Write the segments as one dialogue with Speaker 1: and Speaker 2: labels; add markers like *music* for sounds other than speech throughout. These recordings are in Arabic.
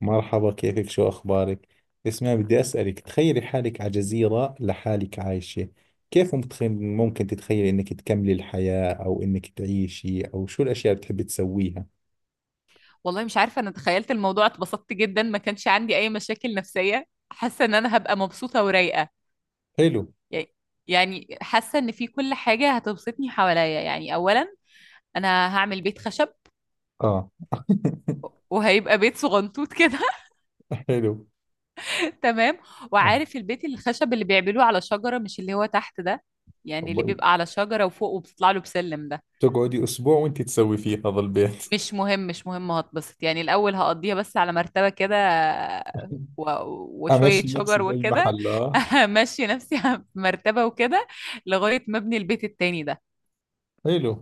Speaker 1: مرحبا، كيفك؟ شو أخبارك؟ اسمعي، بدي أسألك، تخيلي حالك على جزيرة لحالك عايشة. ممكن تتخيلي إنك تكملي الحياة أو إنك تعيشي، أو شو الأشياء اللي بتحبي تسويها؟
Speaker 2: والله مش عارفة، أنا تخيلت الموضوع اتبسطت جدا، ما كانش عندي أي مشاكل نفسية. حاسة إن أنا هبقى مبسوطة ورايقة.
Speaker 1: حلو.
Speaker 2: يعني يعني حاسة إن في كل حاجة هتبسطني حواليا. يعني أولا أنا هعمل بيت خشب،
Speaker 1: آه. *laughs*
Speaker 2: وهيبقى بيت صغنطوط كده.
Speaker 1: حلو.
Speaker 2: *laughs* تمام.
Speaker 1: آه.
Speaker 2: وعارف البيت الخشب اللي بيعملوه على شجرة، مش اللي هو تحت ده؟ يعني اللي
Speaker 1: طب،
Speaker 2: بيبقى على شجرة وفوق وبتطلع له بسلم ده.
Speaker 1: تقعدي أسبوع وأنت تسوي فيه هذا البيت.
Speaker 2: مش مهم، مش مهم، هتبسط يعني. الأول هقضيها بس على مرتبة كده
Speaker 1: *laughs*
Speaker 2: و... وشوية
Speaker 1: أمشي نفسي
Speaker 2: شجر
Speaker 1: بأي
Speaker 2: وكده.
Speaker 1: محل.
Speaker 2: *laughs*
Speaker 1: آه.
Speaker 2: همشي نفسي في مرتبة وكده لغاية ما أبني البيت التاني ده.
Speaker 1: حلو.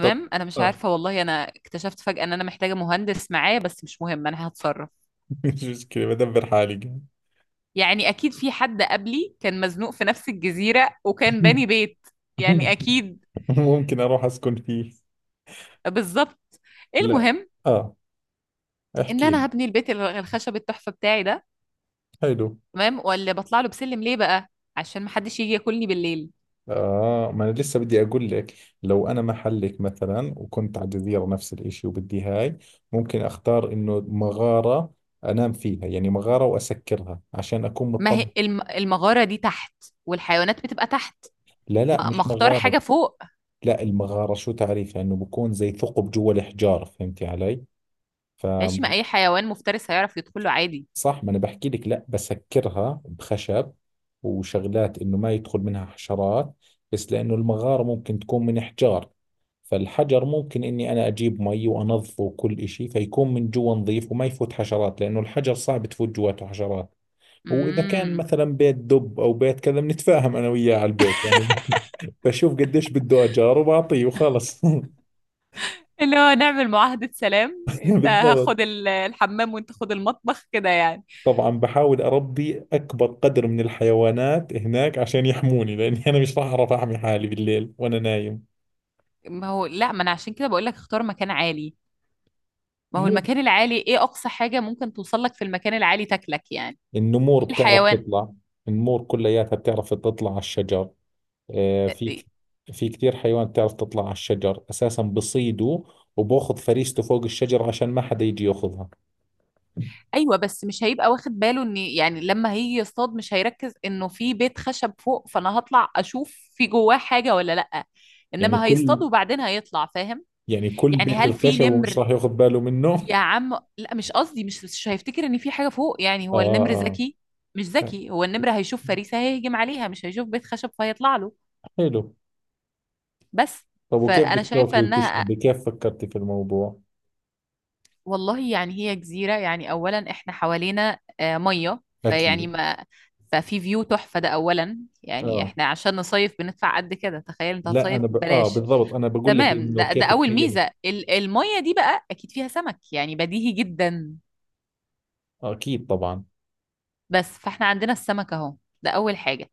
Speaker 1: طب.
Speaker 2: أنا مش
Speaker 1: آه.
Speaker 2: عارفة والله، أنا اكتشفت فجأة إن أنا محتاجة مهندس معايا، بس مش مهم أنا هتصرف.
Speaker 1: *laughs* مش مشكلة، بدبر حالي.
Speaker 2: يعني أكيد في حد قبلي كان مزنوق في نفس الجزيرة وكان باني بيت. يعني
Speaker 1: *laughs*
Speaker 2: أكيد.
Speaker 1: ممكن أروح أسكن فيه.
Speaker 2: بالظبط.
Speaker 1: لا.
Speaker 2: المهم
Speaker 1: آه.
Speaker 2: إن
Speaker 1: احكي لي.
Speaker 2: أنا هبني البيت الخشب التحفة بتاعي ده.
Speaker 1: حلو.
Speaker 2: تمام. واللي بطلع له بسلم ليه بقى؟ عشان محدش يجي ياكلني بالليل.
Speaker 1: آه، ما أنا لسه بدي أقول لك. لو أنا محلك مثلا، وكنت على جزيرة نفس الإشي، وبدي هاي، ممكن أختار إنه مغارة أنام فيها، يعني مغارة وأسكرها عشان أكون
Speaker 2: ما
Speaker 1: مطمن.
Speaker 2: هي المغارة دي تحت، والحيوانات بتبقى تحت.
Speaker 1: لا لا،
Speaker 2: ما
Speaker 1: مش
Speaker 2: اختار حاجة
Speaker 1: مغارة.
Speaker 2: فوق.
Speaker 1: لا، المغارة شو تعريفها؟ إنه بكون زي ثقب جوا الحجار، فهمتي علي؟
Speaker 2: ماشي. ما اي حيوان مفترس هيعرف يدخله عادي.
Speaker 1: صح، ما انا بحكي لك، لا بسكرها بخشب وشغلات، انه ما يدخل منها حشرات. بس لانه المغارة ممكن تكون من حجار، فالحجر ممكن اني انا اجيب مي وانظفه وكل اشي، فيكون من جوا نظيف وما يفوت حشرات، لانه الحجر صعب تفوت جواته حشرات. واذا كان
Speaker 2: امم
Speaker 1: مثلا بيت دب او بيت كذا، بنتفاهم انا وياه على البيت يعني. *laughs* بشوف قديش بده اجار وبعطيه وخلص. *laughs*
Speaker 2: اللي هو نعمل معاهدة سلام، انت
Speaker 1: بالضبط.
Speaker 2: هاخد الحمام وانت خد المطبخ كده يعني.
Speaker 1: طبعا بحاول أربي أكبر قدر من الحيوانات هناك عشان يحموني، لأني أنا مش راح أعرف أحمي حالي بالليل وأنا نايم.
Speaker 2: ما هو لا، ما انا عشان كده بقول لك اختار مكان عالي. ما هو
Speaker 1: مو.
Speaker 2: المكان العالي، ايه اقصى حاجة ممكن توصل لك في المكان العالي تاكلك يعني؟
Speaker 1: النمور
Speaker 2: إيه
Speaker 1: بتعرف
Speaker 2: الحيوان؟
Speaker 1: تطلع. النمور كلياتها بتعرف تطلع على الشجر. آه، في ك- في كثير حيوان بتعرف تطلع على الشجر، أساسا بصيده وباخذ فريسته فوق الشجر عشان ما حدا يجي ياخذها.
Speaker 2: ايوه، بس مش هيبقى واخد باله ان يعني لما هيجي يصطاد مش هيركز انه في بيت خشب فوق، فانا هطلع اشوف في جواه حاجه ولا لا.
Speaker 1: يعني
Speaker 2: انما هيصطاد
Speaker 1: كل
Speaker 2: وبعدين هيطلع، فاهم؟
Speaker 1: يعني كل
Speaker 2: يعني
Speaker 1: بيت
Speaker 2: هل في
Speaker 1: الخشب ومش
Speaker 2: نمر؟
Speaker 1: راح ياخذ باله منه.
Speaker 2: يا عم. لا مش قصدي، مش هيفتكر ان في حاجه فوق. يعني
Speaker 1: آه.
Speaker 2: هو النمر
Speaker 1: آه.
Speaker 2: ذكي؟ مش
Speaker 1: آه.
Speaker 2: ذكي. هو النمر هيشوف فريسه هيهجم عليها، مش هيشوف بيت خشب فهيطلع له.
Speaker 1: حلو.
Speaker 2: بس.
Speaker 1: طب، وكيف
Speaker 2: فانا
Speaker 1: بدك
Speaker 2: شايفه
Speaker 1: تاكلي
Speaker 2: انها،
Speaker 1: وتشربي، كيف فكرتي في الموضوع؟
Speaker 2: والله يعني هي جزيرة، يعني أولا إحنا حوالينا مية فيعني
Speaker 1: اكيد.
Speaker 2: ما ففي فيو تحفة ده. أولا يعني
Speaker 1: اه.
Speaker 2: إحنا عشان نصيف بندفع قد كده، تخيل أنت
Speaker 1: لا
Speaker 2: هتصيف
Speaker 1: انا ب... اه
Speaker 2: ببلاش.
Speaker 1: بالضبط، انا بقول لك
Speaker 2: تمام.
Speaker 1: انه
Speaker 2: ده
Speaker 1: كيف
Speaker 2: أول
Speaker 1: تميز.
Speaker 2: ميزة، المية دي بقى أكيد فيها سمك، يعني بديهي جدا.
Speaker 1: آه اكيد طبعا.
Speaker 2: بس فإحنا عندنا السمك أهو. ده أول حاجة.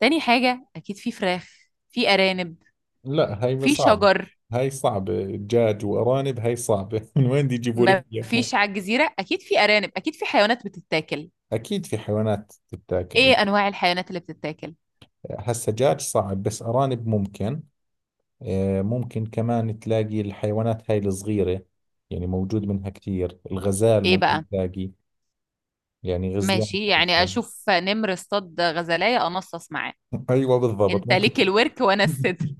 Speaker 2: تاني حاجة أكيد في فراخ، في أرانب،
Speaker 1: لا، هاي
Speaker 2: في
Speaker 1: صعبة.
Speaker 2: شجر.
Speaker 1: هاي صعبة، دجاج وارانب هاي صعبة. *laughs* من وين دي يجيبوا
Speaker 2: ما
Speaker 1: لك اياهم؟
Speaker 2: فيش على الجزيرة؟ أكيد في أرانب، أكيد في حيوانات بتتاكل.
Speaker 1: اكيد في حيوانات تتاكل
Speaker 2: إيه
Speaker 1: يعني.
Speaker 2: أنواع الحيوانات اللي بتتاكل؟
Speaker 1: هسا دجاج صعب، بس ارانب ممكن. آه ممكن، كمان تلاقي الحيوانات هاي الصغيرة، يعني موجود منها كثير. الغزال
Speaker 2: ايه بقى.
Speaker 1: ممكن تلاقي، يعني غزلان. *laughs*
Speaker 2: ماشي، يعني
Speaker 1: ممكن.
Speaker 2: اشوف نمر اصطاد غزلاية انصص معاه.
Speaker 1: ايوه بالضبط
Speaker 2: انت
Speaker 1: ممكن.
Speaker 2: ليك
Speaker 1: *laughs*
Speaker 2: الورك وانا الصدر.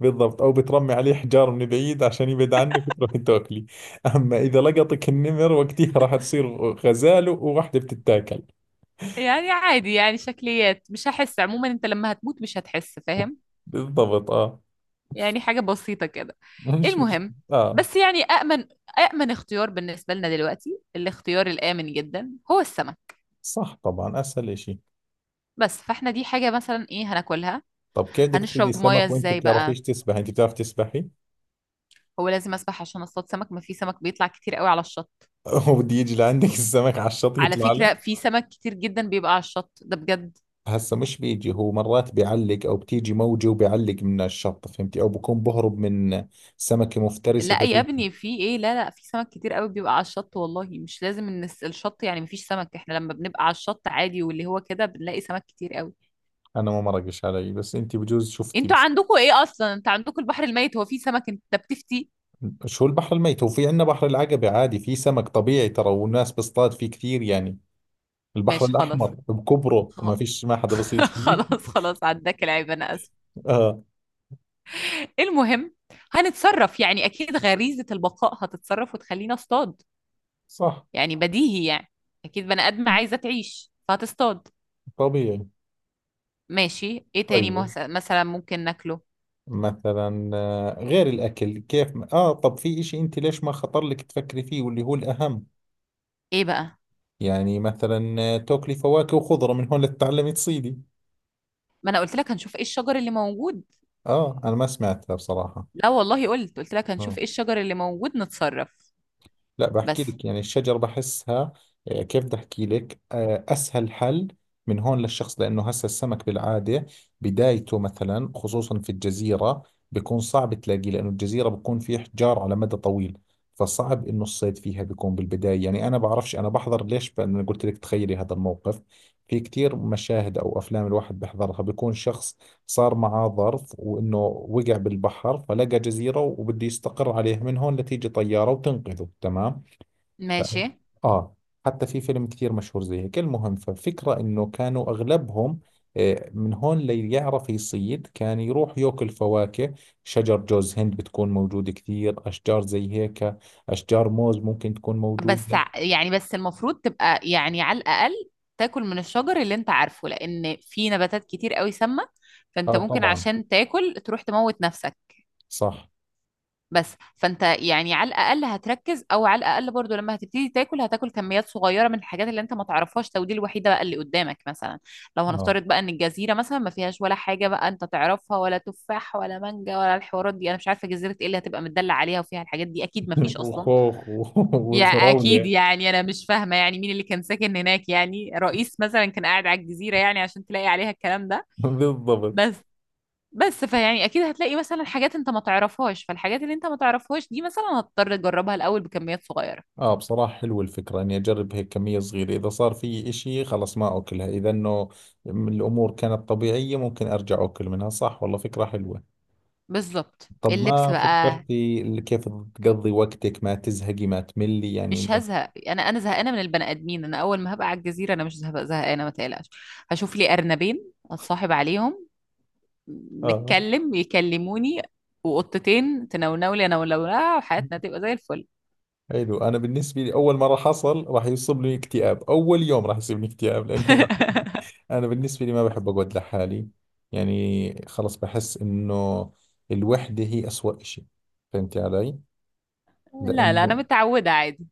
Speaker 1: بالضبط، أو بترمي عليه حجار من بعيد عشان يبعد عنك وتروحي تاكلي. أما إذا لقطك النمر، وقتها راح تصير غزالة وواحدة بتتاكل.
Speaker 2: يعني عادي، يعني شكليات، مش هحس عموما. انت لما هتموت مش هتحس فاهم.
Speaker 1: بالضبط. آه.
Speaker 2: يعني حاجة بسيطة كده.
Speaker 1: مش
Speaker 2: المهم.
Speaker 1: آه.
Speaker 2: بس يعني أأمن، أأمن اختيار بالنسبة لنا دلوقتي، الاختيار الآمن جدا هو السمك.
Speaker 1: صح طبعا، أسهل إشي.
Speaker 2: بس فاحنا دي حاجة مثلا ايه هناكلها.
Speaker 1: طب كيف بدك تصيدي
Speaker 2: هنشرب مية
Speaker 1: سمك وأنت
Speaker 2: ازاي بقى؟
Speaker 1: بتعرفيش تسبحي؟ أنت بتعرف تسبحي؟
Speaker 2: هو لازم اسبح عشان اصطاد سمك؟ ما في سمك بيطلع كتير قوي على الشط.
Speaker 1: *laughs* وبده يجي لعندك السمك على الشط
Speaker 2: على
Speaker 1: يطلع
Speaker 2: فكرة،
Speaker 1: لك؟
Speaker 2: في سمك كتير جدا بيبقى على الشط ده بجد.
Speaker 1: هسا مش بيجي، هو مرات بيعلق، أو بتيجي موجة وبيعلق من الشط، فهمتي؟ أو بكون بهرب من سمكة مفترسة.
Speaker 2: لا يا ابني، في ايه؟ لا لا، في سمك كتير قوي بيبقى على الشط، والله مش لازم ان الشط. يعني مفيش سمك؟ احنا لما بنبقى على الشط عادي واللي هو كده بنلاقي سمك كتير قوي.
Speaker 1: انا ما مرقش علي، بس انت بجوز شفتي
Speaker 2: انتوا
Speaker 1: بس.
Speaker 2: عندكوا ايه اصلا؟ انت عندكوا البحر الميت، هو فيه سمك انت بتفتي؟
Speaker 1: شو البحر الميت؟ وفي عندنا بحر العقبة عادي، في سمك طبيعي ترى، والناس بصطاد فيه كثير يعني. البحر
Speaker 2: ماشي خلاص.
Speaker 1: الاحمر بكبره، وما
Speaker 2: خ-
Speaker 1: فيش، ما حدا
Speaker 2: *laughs*
Speaker 1: بصيد فيه.
Speaker 2: خلاص خلاص، عداك العيب، انا اسف.
Speaker 1: *laughs* اه.
Speaker 2: المهم. هنتصرف، يعني اكيد غريزة البقاء هتتصرف وتخلينا اصطاد.
Speaker 1: صح
Speaker 2: يعني بديهي يعني. اكيد بني ادم عايزة تعيش فهتصطاد.
Speaker 1: طبيعي.
Speaker 2: ماشي ايه تاني
Speaker 1: طيب،
Speaker 2: مثلا ممكن ناكله.
Speaker 1: مثلا آه، غير الاكل كيف طب في اشي انت ليش ما خطر لك تفكري فيه واللي هو الاهم؟
Speaker 2: ايه بقى.
Speaker 1: يعني مثلا آه، تاكلي فواكه وخضرة من هون لتتعلمي تصيدي.
Speaker 2: ما انا قلت لك هنشوف ايه الشجر اللي موجود.
Speaker 1: اه انا ما سمعتها بصراحة.
Speaker 2: لا والله، قلت لك هنشوف
Speaker 1: آه.
Speaker 2: ايه الشجر اللي موجود، نتصرف.
Speaker 1: لا بحكي
Speaker 2: بس.
Speaker 1: لك، يعني الشجر بحسها. كيف بدي احكي لك، اسهل حل من هون للشخص، لانه هسه السمك بالعاده بدايته مثلا، خصوصا في الجزيره، بيكون صعب تلاقيه، لانه الجزيره بيكون في احجار على مدى طويل، فصعب انه الصيد فيها بيكون بالبدايه. يعني انا بعرفش انا بحضر ليش، انا قلت لك تخيلي هذا الموقف. في كتير مشاهد او افلام الواحد بحضرها، بيكون شخص صار معاه ظرف، وإنه وقع بالبحر فلقى جزيرة وبده يستقر عليها من هون لتيجي طيارة وتنقذه، تمام. ف-
Speaker 2: ماشي.
Speaker 1: آه حتى في فيلم كثير مشهور زي هيك. المهم، ففكرة إنه كانوا أغلبهم من هون ليعرف يصيد، كان يروح ياكل فواكه. شجر جوز هند بتكون موجودة، كثير أشجار زي هيك، أشجار موز ممكن تكون
Speaker 2: بس
Speaker 1: موجودة.
Speaker 2: يعني بس المفروض تبقى يعني على الاقل تاكل من الشجر اللي انت عارفه، لان في نباتات كتير قوي سامة، فانت
Speaker 1: آه
Speaker 2: ممكن
Speaker 1: طبعا.
Speaker 2: عشان تاكل تروح تموت نفسك.
Speaker 1: صح.
Speaker 2: بس فانت يعني على الاقل هتركز، او على الاقل برضو لما هتبتدي تاكل، هتاكل كميات صغيره من الحاجات اللي انت ما تعرفهاش، او دي الوحيده بقى اللي قدامك مثلا. لو
Speaker 1: آه.
Speaker 2: هنفترض بقى ان الجزيره مثلا ما فيهاش ولا حاجه بقى انت تعرفها، ولا تفاح ولا مانجا ولا الحوارات دي. انا مش عارفه جزيره ايه اللي هتبقى متدلع عليها وفيها الحاجات دي، اكيد ما فيش
Speaker 1: *laughs*
Speaker 2: اصلا.
Speaker 1: وخوخ *laughs*
Speaker 2: يا اكيد
Speaker 1: وفراولة.
Speaker 2: يعني، انا مش فاهمه يعني مين اللي كان ساكن هناك؟ يعني رئيس مثلا كان قاعد على الجزيره يعني عشان تلاقي عليها الكلام ده؟
Speaker 1: *laughs* بالضبط.
Speaker 2: بس. بس فيعني اكيد هتلاقي مثلا حاجات انت ما تعرفهاش، فالحاجات اللي انت ما تعرفهاش دي مثلا هتضطر تجربها الاول بكميات صغيره.
Speaker 1: اه بصراحة حلوة الفكرة، اني اجرب هيك كمية صغيرة، اذا صار في اشي خلص ما اكلها، اذا انه الامور كانت طبيعية ممكن ارجع اكل منها. صح والله فكرة حلوة.
Speaker 2: بالظبط.
Speaker 1: طب،
Speaker 2: اللبس
Speaker 1: ما
Speaker 2: بقى.
Speaker 1: فكرتي ال- كيف تقضي وقتك ما تزهقي ما تملي، يعني
Speaker 2: مش
Speaker 1: انه.
Speaker 2: هزهق انا زهقانه من البني ادمين. انا اول ما هبقى على الجزيره انا مش زهقانه، ما تقلقش. هشوف لي ارنبين اتصاحب عليهم،
Speaker 1: اه،
Speaker 2: نتكلم يكلموني، وقطتين تنونولي انا ولولها، وحياتنا تبقى زي الفل.
Speaker 1: حلو. انا بالنسبة لي اول ما راح اصل راح يصيبني اكتئاب، اول يوم راح يصيبني اكتئاب، لانه
Speaker 2: *laughs*
Speaker 1: انا بالنسبة لي ما بحب اقعد لحالي. يعني خلص، بحس انه الوحدة هي اسوأ اشي، فهمتي علي؟
Speaker 2: لا لا، انا
Speaker 1: لأنه
Speaker 2: متعوده عادي.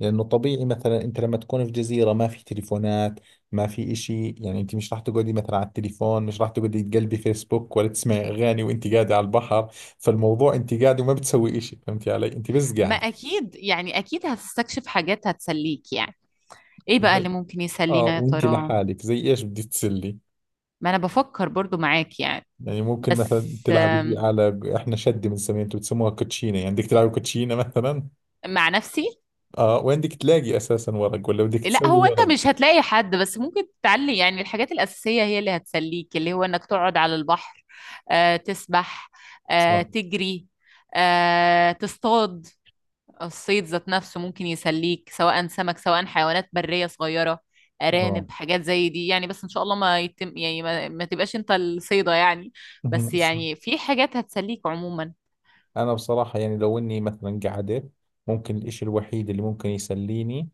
Speaker 1: لأنه طبيعي مثلا، أنت لما تكون في جزيرة ما في تليفونات، ما في إشي، يعني أنت مش راح تقعدي مثلا على التليفون، مش راح تقعدي تقلبي فيسبوك ولا تسمعي أغاني وأنت قاعدة على البحر. فالموضوع أنت قاعدة وما بتسوي إشي، فهمتي علي؟ أنت بس
Speaker 2: ما
Speaker 1: قاعدة.
Speaker 2: اكيد يعني، اكيد هتستكشف حاجات هتسليك يعني. ايه بقى اللي
Speaker 1: زي.
Speaker 2: ممكن
Speaker 1: آه،
Speaker 2: يسلينا يا
Speaker 1: وأنت
Speaker 2: ترى؟
Speaker 1: لحالك زي إيش بدي تسلي؟
Speaker 2: ما انا بفكر برضو معاك يعني.
Speaker 1: يعني ممكن
Speaker 2: بس.
Speaker 1: مثلا تلعبي بي،
Speaker 2: آم،
Speaker 1: على إحنا شدة بنسميها، أنتوا بتسموها كوتشينة، يعني بدك تلعبي كوتشينة مثلا.
Speaker 2: مع نفسي.
Speaker 1: آه، وين بدك تلاقي أساسا ورق؟ ولا بدك
Speaker 2: لا
Speaker 1: تسوي
Speaker 2: هو انت
Speaker 1: ورق.
Speaker 2: مش هتلاقي حد، بس ممكن تعلي يعني الحاجات الاساسيه هي اللي هتسليك، اللي هو انك تقعد على البحر، تسبح،
Speaker 1: صح.
Speaker 2: تجري، تصطاد. الصيد ذات نفسه ممكن يسليك، سواء سمك سواء حيوانات بريه صغيره،
Speaker 1: آه.
Speaker 2: ارانب حاجات زي دي يعني. بس ان شاء الله ما يتم يعني، ما تبقاش انت الصيده يعني. بس
Speaker 1: مهم. صح.
Speaker 2: يعني في حاجات هتسليك عموما.
Speaker 1: انا بصراحة يعني لو اني مثلا قعدت، ممكن الاشي الوحيد اللي ممكن يسليني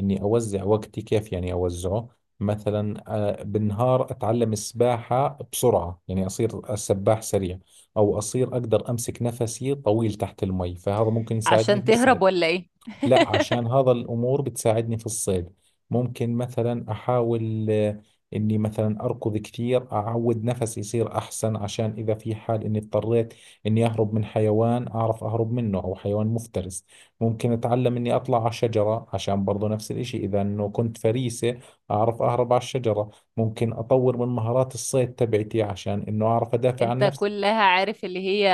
Speaker 1: اني اوزع وقتي، كيف يعني اوزعه؟ مثلا بالنهار اتعلم السباحة بسرعة، يعني اصير سباح سريع، او اصير اقدر امسك نفسي طويل تحت المي، فهذا ممكن يساعدني.
Speaker 2: عشان تهرب ولا ايه؟
Speaker 1: لا، عشان هذا الأمور بتساعدني في الصيد. ممكن مثلا أحاول إني مثلا أركض كثير، أعود نفسي يصير أحسن، عشان إذا في حال إني اضطريت إني أهرب من حيوان، أعرف أهرب منه أو حيوان مفترس. ممكن أتعلم إني أطلع على شجرة، عشان برضو نفس الإشي إذا إنه كنت فريسة أعرف أهرب على الشجرة. ممكن أطور من مهارات الصيد تبعتي عشان إنه أعرف أدافع عن
Speaker 2: انت
Speaker 1: نفسي.
Speaker 2: كلها عارف اللي هي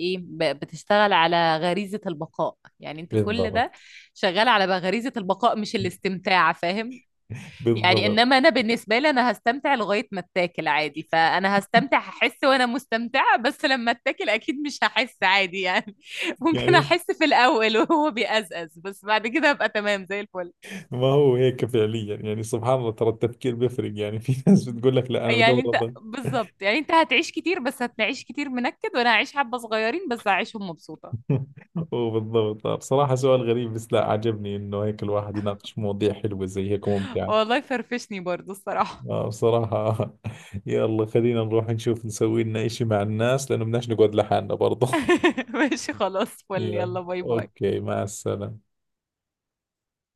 Speaker 2: ايه، بتشتغل على غريزة البقاء. يعني انت كل
Speaker 1: بالضبط.
Speaker 2: ده شغال على بقى غريزة البقاء مش الاستمتاع، فاهم؟ يعني
Speaker 1: بالضبط.
Speaker 2: انما انا بالنسبة لي، انا هستمتع لغاية ما اتاكل عادي. فانا هستمتع، هحس وانا مستمتعة، بس لما اتاكل اكيد مش هحس عادي يعني. *laughs* ممكن
Speaker 1: يعني
Speaker 2: احس في الاول وهو بيأزأز، بس بعد كده ابقى تمام زي الفل.
Speaker 1: ما هو هيك فعليا، يعني سبحان الله، ترى التفكير بيفرق، يعني في ناس بتقول لك لا انا بدور
Speaker 2: يعني انت
Speaker 1: افضل.
Speaker 2: بالظبط، يعني انت هتعيش كتير، بس هتعيش كتير منكد، وانا هعيش حبة صغيرين بس هعيشهم مبسوطة.
Speaker 1: *laughs* وبالضبط، بصراحة سؤال غريب، بس لا عجبني انه هيك الواحد يناقش مواضيع حلوة زي هيك ممتعة.
Speaker 2: والله فرفشني برضو الصراحة.
Speaker 1: آه بصراحة. *laughs* يلا، خلينا نروح نشوف نسوي لنا اشي مع الناس، لانه بدناش نقعد لحالنا برضه. *laughs*
Speaker 2: *laughs* ماشي خلاص فل،
Speaker 1: يلا.
Speaker 2: يلا باي باي.
Speaker 1: اوكي، مع السلامة.